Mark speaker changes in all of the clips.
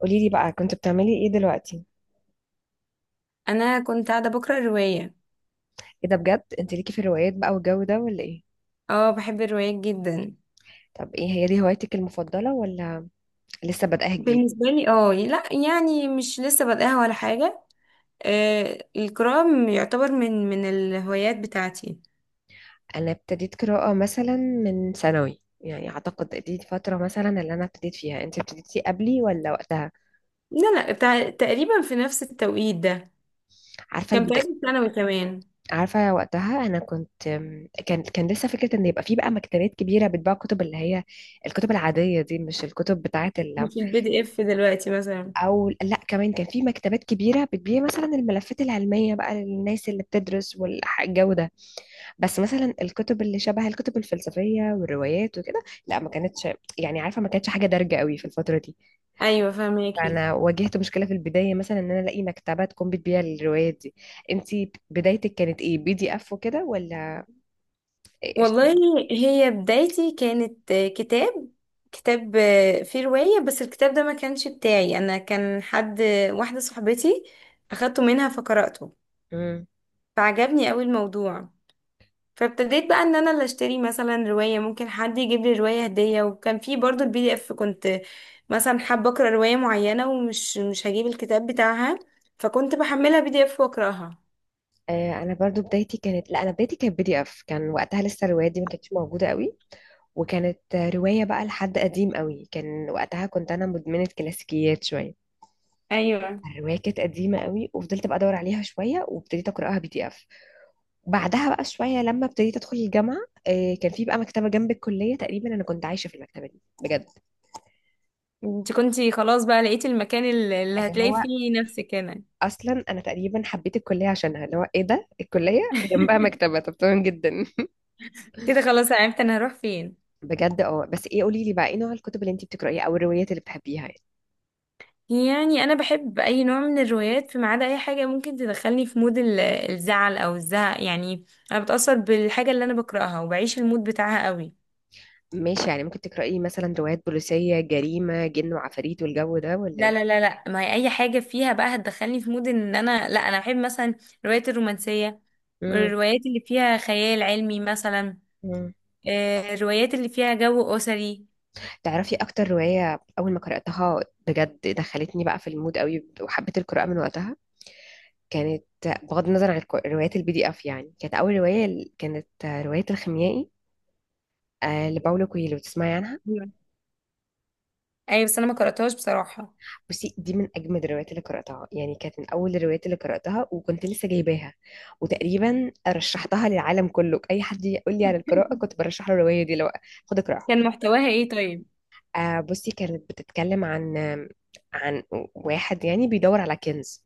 Speaker 1: قولي لي بقى كنت بتعملي ايه دلوقتي؟
Speaker 2: انا كنت قاعده بقرا روايه.
Speaker 1: ايه ده بجد، انت ليكي في الروايات بقى والجو ده ولا ايه؟
Speaker 2: اه، بحب الروايات جدا.
Speaker 1: طب ايه هي دي هوايتك المفضلة ولا لسه بدأها جديد؟
Speaker 2: بالنسبه لي اه لا، يعني مش لسه بادئها ولا حاجه. آه، القراءه يعتبر من الهوايات بتاعتي.
Speaker 1: انا ابتديت قراءة مثلا من ثانوي، يعني اعتقد دي فترة مثلا اللي انا ابتديت فيها. انت ابتديتي قبلي ولا وقتها؟
Speaker 2: لا لا، بتاع تقريبا في نفس التوقيت ده،
Speaker 1: عارفة
Speaker 2: كان في اخر
Speaker 1: البداية.
Speaker 2: ثانوي كمان.
Speaker 1: عارفة وقتها انا كنت كان لسه فكرة ان يبقى في بقى مكتبات كبيرة بتباع كتب، اللي هي الكتب العادية دي، مش الكتب بتاعة.
Speaker 2: مش البي دي اف دلوقتي مثلا؟
Speaker 1: او لا، كمان كان في مكتبات كبيره بتبيع مثلا الملفات العلميه بقى للناس اللي بتدرس والجو ده. بس مثلا الكتب اللي شبه الكتب الفلسفيه والروايات وكده، لا ما كانتش، يعني عارفه ما كانتش حاجه دارجه قوي في الفتره دي.
Speaker 2: ايوه، فهماكي.
Speaker 1: فانا واجهت مشكله في البدايه، مثلا ان انا الاقي مكتبه تكون بتبيع الروايات دي. انت بدايتك كانت ايه؟ بي دي اف وكده ولا
Speaker 2: والله،
Speaker 1: اشتري؟
Speaker 2: هي بدايتي كانت كتاب، كتاب فيه روايه. بس الكتاب ده ما كانش بتاعي انا، كان حد، واحده صاحبتي، اخدته منها فقرأته،
Speaker 1: امم.
Speaker 2: فعجبني قوي الموضوع. فابتديت بقى ان انا اللي اشتري مثلا رواية، ممكن حد يجيب لي رواية هدية. وكان في برضو البي دي اف، كنت مثلا حابة اقرا رواية معينة ومش مش هجيب الكتاب بتاعها، فكنت بحملها بي دي اف واقراها.
Speaker 1: انا برضو بدايتي كانت، لا انا بدايتي كانت بي دي اف. كان وقتها لسه الروايات دي ما كانتش موجوده قوي، وكانت رواية بقى لحد قديم قوي، كان وقتها كنت أنا مدمنة كلاسيكيات شوية.
Speaker 2: ايوه،
Speaker 1: الرواية كانت قديمة قوي وفضلت بقى أدور عليها شوية وابتديت أقرأها بي دي إف. بعدها بقى شوية لما ابتديت أدخل الجامعة، كان في بقى مكتبة جنب الكلية، تقريبا أنا كنت عايشة في المكتبة دي بجد.
Speaker 2: انت كنتي خلاص بقى لقيتي المكان اللي
Speaker 1: اللي
Speaker 2: هتلاقي
Speaker 1: هو
Speaker 2: فيه نفسك هنا.
Speaker 1: أصلا أنا تقريبا حبيت الكلية عشانها، اللي هو إيه ده، الكلية جنبها مكتبة، طب تمام جدا.
Speaker 2: كده خلاص، عرفت انا هروح فين.
Speaker 1: بجد اه، بس إيه، قولي لي بقى إيه نوع الكتب اللي أنت بتقرأيها أو الروايات اللي بتحبيها؟
Speaker 2: يعني انا بحب اي نوع من الروايات، فما عدا اي حاجه ممكن تدخلني في مود الزعل او الزهق يعني. انا بتاثر بالحاجه اللي انا بقراها وبعيش المود بتاعها قوي.
Speaker 1: ماشي، يعني ممكن تقرأي مثلا روايات بوليسية، جريمة، جن وعفاريت والجو ده ولا
Speaker 2: لا
Speaker 1: ايه؟
Speaker 2: لا لا لا، ما هي اي حاجه فيها بقى هتدخلني في مود ان انا لا. انا بحب مثلا الروايات الرومانسيه،
Speaker 1: امم.
Speaker 2: الروايات اللي فيها خيال علمي مثلا،
Speaker 1: امم.
Speaker 2: الروايات اللي فيها جو اسري.
Speaker 1: تعرفي اكتر رواية اول ما قرأتها بجد دخلتني بقى في المود قوي وحبيت القراءة من وقتها؟ كانت، بغض النظر عن روايات البي دي اف، يعني كانت اول رواية كانت رواية الخيميائي، لباولو كويلو. تسمعي عنها؟
Speaker 2: ايوه. أيوة، بس انا ما قراتهاش بصراحه.
Speaker 1: بصي دي من اجمد الروايات اللي قراتها، يعني كانت من اول الروايات اللي قراتها وكنت لسه جايباها، وتقريبا رشحتها للعالم كله. اي حد يقول لي على القراءه كنت برشح له الروايه دي، لو خد اقراها
Speaker 2: كان
Speaker 1: خد اقراها.
Speaker 2: محتواها ايه طيب؟
Speaker 1: بصي كانت بتتكلم عن واحد يعني بيدور على كنز،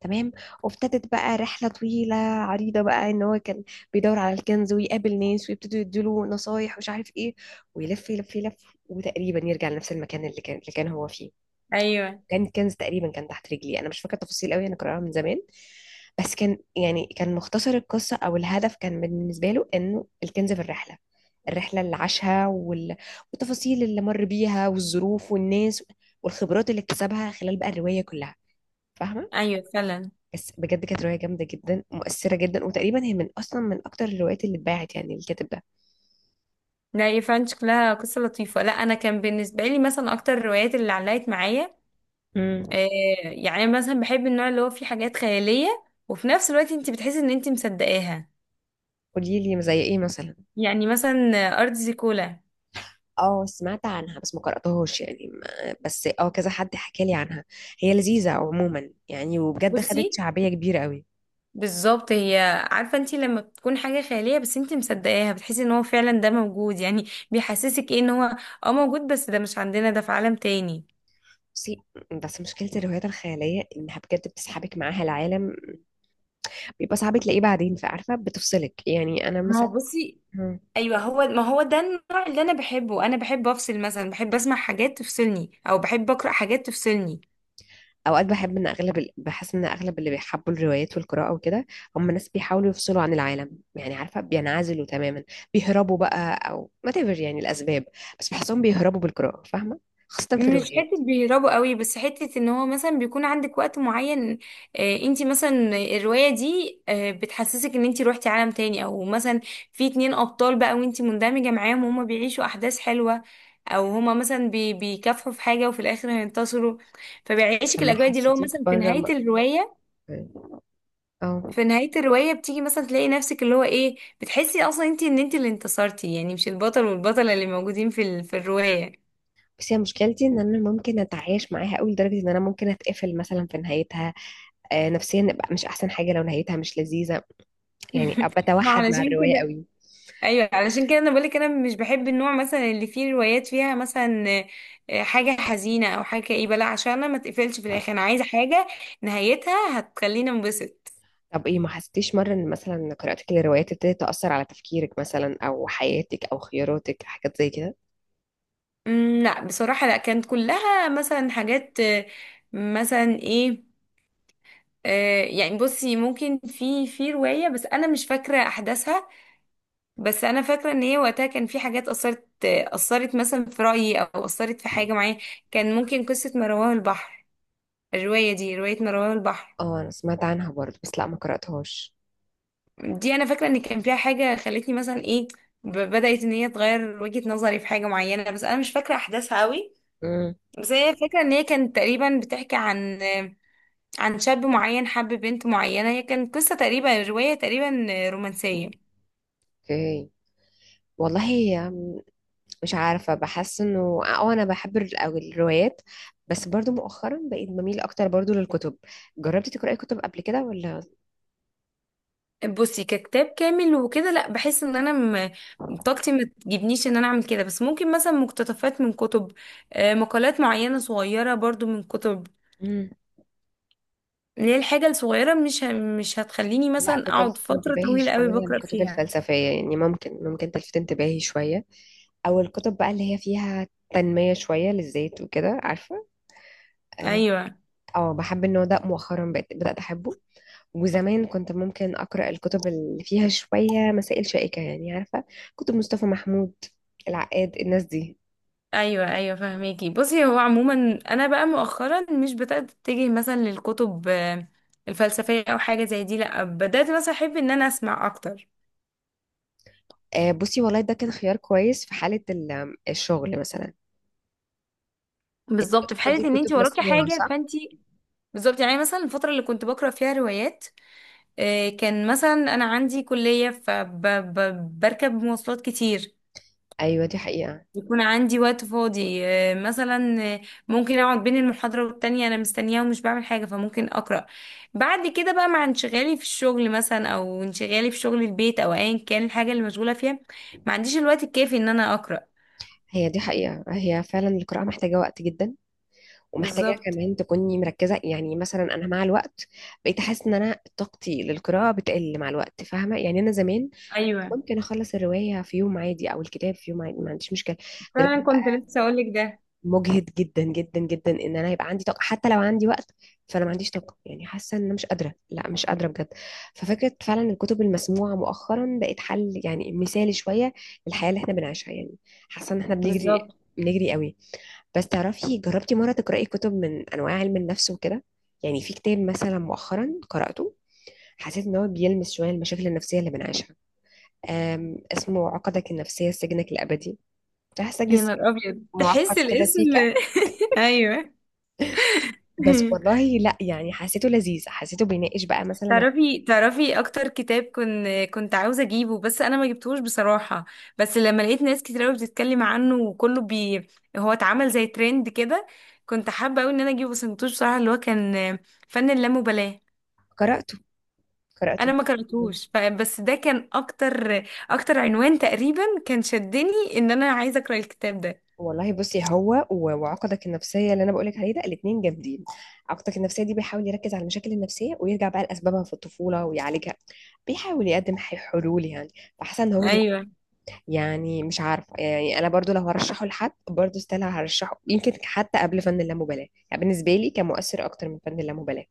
Speaker 1: تمام؟ وابتدت بقى رحلة طويلة عريضة بقى ان هو كان بيدور على الكنز ويقابل ناس ويبتدوا يديله نصايح ومش عارف ايه، ويلف يلف يلف وتقريبا يرجع لنفس المكان اللي كان هو فيه.
Speaker 2: ايوه
Speaker 1: كان كنز تقريبا كان تحت رجلي، انا مش فاكره التفاصيل قوي، انا قراها من زمان. بس كان يعني كان مختصر القصه او الهدف كان بالنسبه له انه الكنز في الرحله، الرحله اللي عاشها والتفاصيل اللي مر بيها والظروف والناس والخبرات اللي اكتسبها خلال بقى الروايه كلها. فاهمه؟
Speaker 2: ايوه، فعلا.
Speaker 1: بس بجد كانت روايه جامده جدا، مؤثره جدا، وتقريبا هي من اصلا من اكتر الروايات اللي اتباعت يعني الكاتب ده.
Speaker 2: لا يا فعلا، شكلها قصة لطيفة. لا، أنا كان بالنسبة لي مثلا أكتر الروايات اللي علقت معايا،
Speaker 1: امم.
Speaker 2: آه، يعني أنا مثلا بحب النوع اللي هو فيه حاجات خيالية وفي نفس الوقت أنت بتحسي إن أنت مصدقاها.
Speaker 1: قولي لي زي ايه مثلا.
Speaker 2: يعني مثلا أرض زيكولا.
Speaker 1: اه، سمعت عنها بس ما قرأتهاش يعني، ما بس كذا حد حكى لي عنها، هي لذيذة عموما يعني، وبجد
Speaker 2: بصي،
Speaker 1: خدت شعبية كبيرة قوي.
Speaker 2: بالظبط هي. عارفة أنت لما بتكون حاجة خيالية بس أنت مصدقاها، بتحسي إن هو فعلا ده موجود يعني. بيحسسك إيه إن هو أه موجود، بس ده مش عندنا، ده في عالم تاني.
Speaker 1: بصي، بس مشكلة الروايات الخيالية إنها بجد بتسحبك معاها العالم، بيبقى صعب تلاقيه بعدين، فعارفة بتفصلك، يعني أنا
Speaker 2: ما هو
Speaker 1: مثلا.
Speaker 2: بصي،
Speaker 1: مم.
Speaker 2: ايوه هو، ما هو ده النوع اللي انا بحبه. انا بحب افصل، مثلا بحب اسمع حاجات تفصلني او بحب اقرا حاجات تفصلني.
Speaker 1: أوقات بحب إن أغلب بحس إن أغلب اللي بيحبوا الروايات والقراءة وكده هم ناس بيحاولوا يفصلوا عن العالم، يعني عارفة بينعزلوا تماما، بيهربوا بقى أو whatever، يعني الأسباب، بس بحسهم بيهربوا بالقراءة، فاهمة؟ خاصة في
Speaker 2: مش
Speaker 1: الروايات.
Speaker 2: حته بيهربوا قوي، بس حته ان هو مثلا بيكون عندك وقت معين، آه انت مثلا الروايه دي آه بتحسسك ان انت روحتي عالم تاني، او مثلا في اتنين ابطال بقى وانت مندمجه معاهم وهما بيعيشوا احداث حلوه، او هما مثلا بيكافحوا في حاجه وفي الاخر هينتصروا.
Speaker 1: طب
Speaker 2: فبيعيشك
Speaker 1: ما
Speaker 2: الاجواء دي، اللي هو
Speaker 1: حسيتيش
Speaker 2: مثلا في
Speaker 1: بره
Speaker 2: نهايه
Speaker 1: م...
Speaker 2: الروايه،
Speaker 1: اه
Speaker 2: في نهاية الرواية بتيجي مثلا تلاقي نفسك، اللي هو ايه، بتحسي اصلا انت ان انت اللي انتصرتي، يعني مش البطل والبطلة اللي موجودين في الرواية.
Speaker 1: بس هي مشكلتي ان انا ممكن اتعايش معاها قوي لدرجه ان انا ممكن اتقفل مثلا في نهايتها. نفسيا ابقى مش احسن حاجه لو نهايتها مش لذيذه، يعني ابقى
Speaker 2: ما
Speaker 1: بتوحد مع
Speaker 2: علشان
Speaker 1: الروايه
Speaker 2: كده.
Speaker 1: قوي.
Speaker 2: ايوه، علشان كده انا بقولك انا مش بحب النوع مثلا اللي فيه روايات فيها مثلا حاجة حزينة او حاجة كئيبة، لا عشان انا ما تقفلش في الاخر، انا عايزة حاجة نهايتها هتخليني انبسط.
Speaker 1: طب ايه، ما حسيتيش مره ان مثلا قراءتك للروايات ابتدت تاثر على تفكيرك مثلا او حياتك او خياراتك، حاجات زي كده؟
Speaker 2: لا بصراحة، لا كانت كلها مثلا حاجات آه، مثلا ايه، يعني بصي ممكن في رواية بس انا مش فاكرة احداثها. بس انا فاكره ان هي وقتها كان في حاجات اثرت مثلا في رايي، او اثرت في حاجه معايا. كان ممكن قصه ما رواه البحر، الروايه دي روايه ما رواه البحر.
Speaker 1: اه، انا سمعت عنها برضه بس لا ما قراتهاش.
Speaker 2: دي انا فاكره ان كان فيها حاجه خلتني مثلا ايه، بدات ان هي تغير وجهه نظري في حاجه معينه، بس انا مش فاكره احداثها قوي.
Speaker 1: امم.
Speaker 2: بس هي فاكره ان هي كانت تقريبا بتحكي عن شاب معين حب بنت معينه. هي كانت قصه تقريبا، روايه تقريبا رومانسيه.
Speaker 1: اوكي. والله هي، مش عارفة، بحس انه انا بحب او الروايات، بس برضو مؤخرا بقيت بميل اكتر برضو للكتب. جربتي تقرأي كتب قبل كده ولا؟
Speaker 2: بصي، ككتاب كامل وكده لا، بحس ان طاقتي ما تجيبنيش ان انا اعمل كده، بس ممكن مثلا مقتطفات من كتب، آه، مقالات معينة صغيرة برضو من كتب،
Speaker 1: مم.
Speaker 2: اللي هي الحاجة الصغيرة مش هتخليني
Speaker 1: لا
Speaker 2: مثلا اقعد
Speaker 1: بتلفت
Speaker 2: فترة
Speaker 1: انتباهي
Speaker 2: طويلة قوي
Speaker 1: شوية
Speaker 2: بقرأ
Speaker 1: الكتب
Speaker 2: فيها.
Speaker 1: الفلسفية، يعني ممكن تلفت انتباهي شوية، او الكتب بقى اللي هي فيها تنمية شوية للذات وكده، عارفة؟ اه.
Speaker 2: ايوه.
Speaker 1: بحب النوع ده مؤخرا بقيت بدأت احبه، وزمان كنت ممكن أقرأ الكتب اللي فيها شوية مسائل شائكة، يعني عارفة، كتب مصطفى محمود، العقاد، الناس دي.
Speaker 2: ايوه ايوه، فهميكي. بصي هو عموما انا بقى مؤخرا مش بدأت اتجه مثلا للكتب الفلسفية او حاجة زي دي، لا بدأت مثلا احب ان انا اسمع اكتر.
Speaker 1: بصي والله ده كان خيار كويس في حالة الشغل مثلا. انت
Speaker 2: بالظبط، في
Speaker 1: بتاخدي
Speaker 2: حالة ان
Speaker 1: كتب
Speaker 2: انت وراكي
Speaker 1: مسموعة
Speaker 2: حاجة
Speaker 1: صح؟
Speaker 2: فانت. بالظبط، يعني مثلا الفترة اللي كنت بقرأ فيها روايات، كان مثلا أنا عندي كلية فبركب مواصلات كتير،
Speaker 1: ايوه دي حقيقة.
Speaker 2: يكون عندي وقت فاضي، مثلا ممكن أقعد بين المحاضرة والتانية أنا مستنية ومش بعمل حاجة فممكن أقرأ. بعد كده بقى مع انشغالي في الشغل مثلا، أو انشغالي في شغل البيت، أو أيا كان الحاجة اللي مشغولة فيها، ما عنديش الوقت الكافي إن أنا أقرأ.
Speaker 1: هي دي حقيقة، هي فعلا القراءة محتاجة وقت جدا، ومحتاجة
Speaker 2: بالظبط.
Speaker 1: كمان تكوني مركزة، يعني مثلا أنا مع الوقت بقيت أحس إن أنا طاقتي للقراءة بتقل مع الوقت، فاهمة؟ يعني أنا زمان
Speaker 2: أيوه
Speaker 1: ممكن أخلص الرواية في يوم عادي أو الكتاب في يوم عادي، ما عنديش مشكلة.
Speaker 2: فعلا،
Speaker 1: دلوقتي
Speaker 2: كنت لسه أقولك ده.
Speaker 1: مجهد جدا جدا جدا ان انا هيبقى عندي طاقه، حتى لو عندي وقت فانا ما عنديش طاقه، يعني حاسه ان انا مش قادره، لا مش قادره بجد. ففكره فعلا الكتب المسموعه مؤخرا بقت حل يعني مثالي شويه للحياه اللي احنا بنعيشها، يعني حاسه ان احنا بنجري،
Speaker 2: بالظبط.
Speaker 1: بنجري قوي. بس تعرفي، جربتي مره تقراي كتب من انواع علم النفس وكده؟ يعني في كتاب مثلا مؤخرا قراته، حسيت ان هو بيلمس شويه المشاكل النفسيه اللي بنعيشها، اسمه عقدك النفسيه سجنك الابدي. فحاسه
Speaker 2: يا
Speaker 1: جزء
Speaker 2: نهار أبيض،
Speaker 1: معقد
Speaker 2: تحس
Speaker 1: كده
Speaker 2: الاسم.
Speaker 1: سيكا.
Speaker 2: أيوه.
Speaker 1: بس والله لا، يعني حسيته لذيذ، حسيته بيناقش بقى مثلا.
Speaker 2: تعرفي اكتر كتاب كنت عاوزه اجيبه، بس انا ما جبتهوش بصراحه. بس لما لقيت ناس كتير قوي بتتكلم عنه وكله هو اتعمل زي ترند كده، كنت حابه قوي ان انا اجيبه بس ما جبتهوش بصراحه، اللي هو كان فن اللامبالاه.
Speaker 1: قرأته،
Speaker 2: انا
Speaker 1: قرأته.
Speaker 2: ما قرأتهوش بس ده كان اكتر عنوان تقريبا كان شدني ان انا عايزه اقرا الكتاب ده.
Speaker 1: والله بصي، هو وعقدك النفسية اللي أنا بقولك عليه ده، الاتنين جامدين. عقدك النفسية دي بيحاول يركز على المشاكل النفسية ويرجع بقى لأسبابها في الطفولة ويعالجها، بيحاول يقدم حلول يعني. فحاسة إن هو
Speaker 2: ايوه
Speaker 1: يعني مش عارفة، يعني أنا برضو لو هرشحه لحد برضو ستيل هرشحه، يمكن حتى قبل فن اللامبالاة. يعني بالنسبة لي كان مؤثر أكتر من فن اللامبالاة.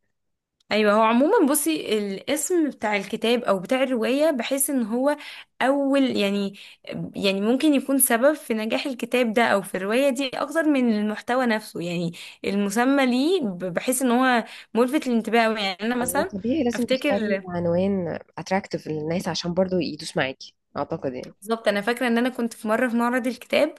Speaker 2: ايوه، هو عموما بصي الاسم بتاع الكتاب او بتاع الروايه بحيث ان هو اول يعني ممكن يكون سبب في نجاح الكتاب ده او في الروايه دي اكتر من المحتوى نفسه يعني. المسمى ليه، بحيث ان هو ملفت للانتباه أوي. يعني انا
Speaker 1: هو
Speaker 2: مثلا
Speaker 1: طبيعي لازم تختاري
Speaker 2: افتكر،
Speaker 1: عنوان اتراكتيف للناس عشان برضو يدوس معاكي اعتقد يعني.
Speaker 2: بالظبط انا فاكره ان انا كنت في مره في معرض الكتاب،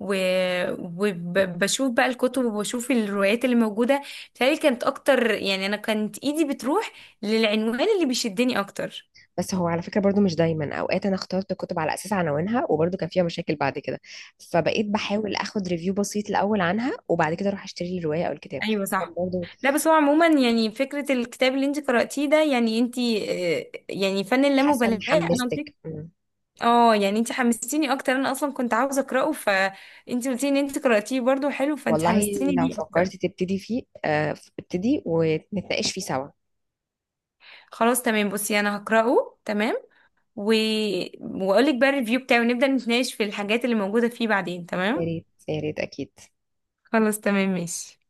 Speaker 2: وبشوف بقى الكتب وبشوف الروايات اللي موجوده، بتهيألي كانت اكتر. يعني انا كانت ايدي بتروح للعنوان اللي بيشدني اكتر.
Speaker 1: بس هو على فكره برضو مش دايما، اوقات انا اخترت كتب على اساس عناوينها وبرضو كان فيها مشاكل بعد كده، فبقيت بحاول اخد ريفيو بسيط الاول عنها وبعد كده اروح اشتري الروايه او الكتاب.
Speaker 2: ايوه
Speaker 1: طب
Speaker 2: صح.
Speaker 1: برضو،
Speaker 2: لا بس هو عموما يعني فكرة الكتاب اللي انت قرأتيه ده، يعني انت يعني فن
Speaker 1: حسن
Speaker 2: اللامبالاة انا قلت
Speaker 1: حمستك. مم.
Speaker 2: اه يعني انت حمستيني اكتر. انا اصلا كنت عاوزة اقرأه، فانت قلتي ان انت قرأتيه برضو حلو، فانت
Speaker 1: والله
Speaker 2: حمستيني
Speaker 1: لو
Speaker 2: ليه اكتر.
Speaker 1: فكرت تبتدي فيه ابتدي ونتناقش فيه سوا.
Speaker 2: خلاص تمام، بصي انا هقرأه تمام. و... واقول لك بقى الريفيو بتاعه ونبدأ نتناقش في الحاجات اللي موجودة فيه بعدين
Speaker 1: يا
Speaker 2: تمام.
Speaker 1: ريت يا ريت، اكيد.
Speaker 2: خلاص تمام، ماشي.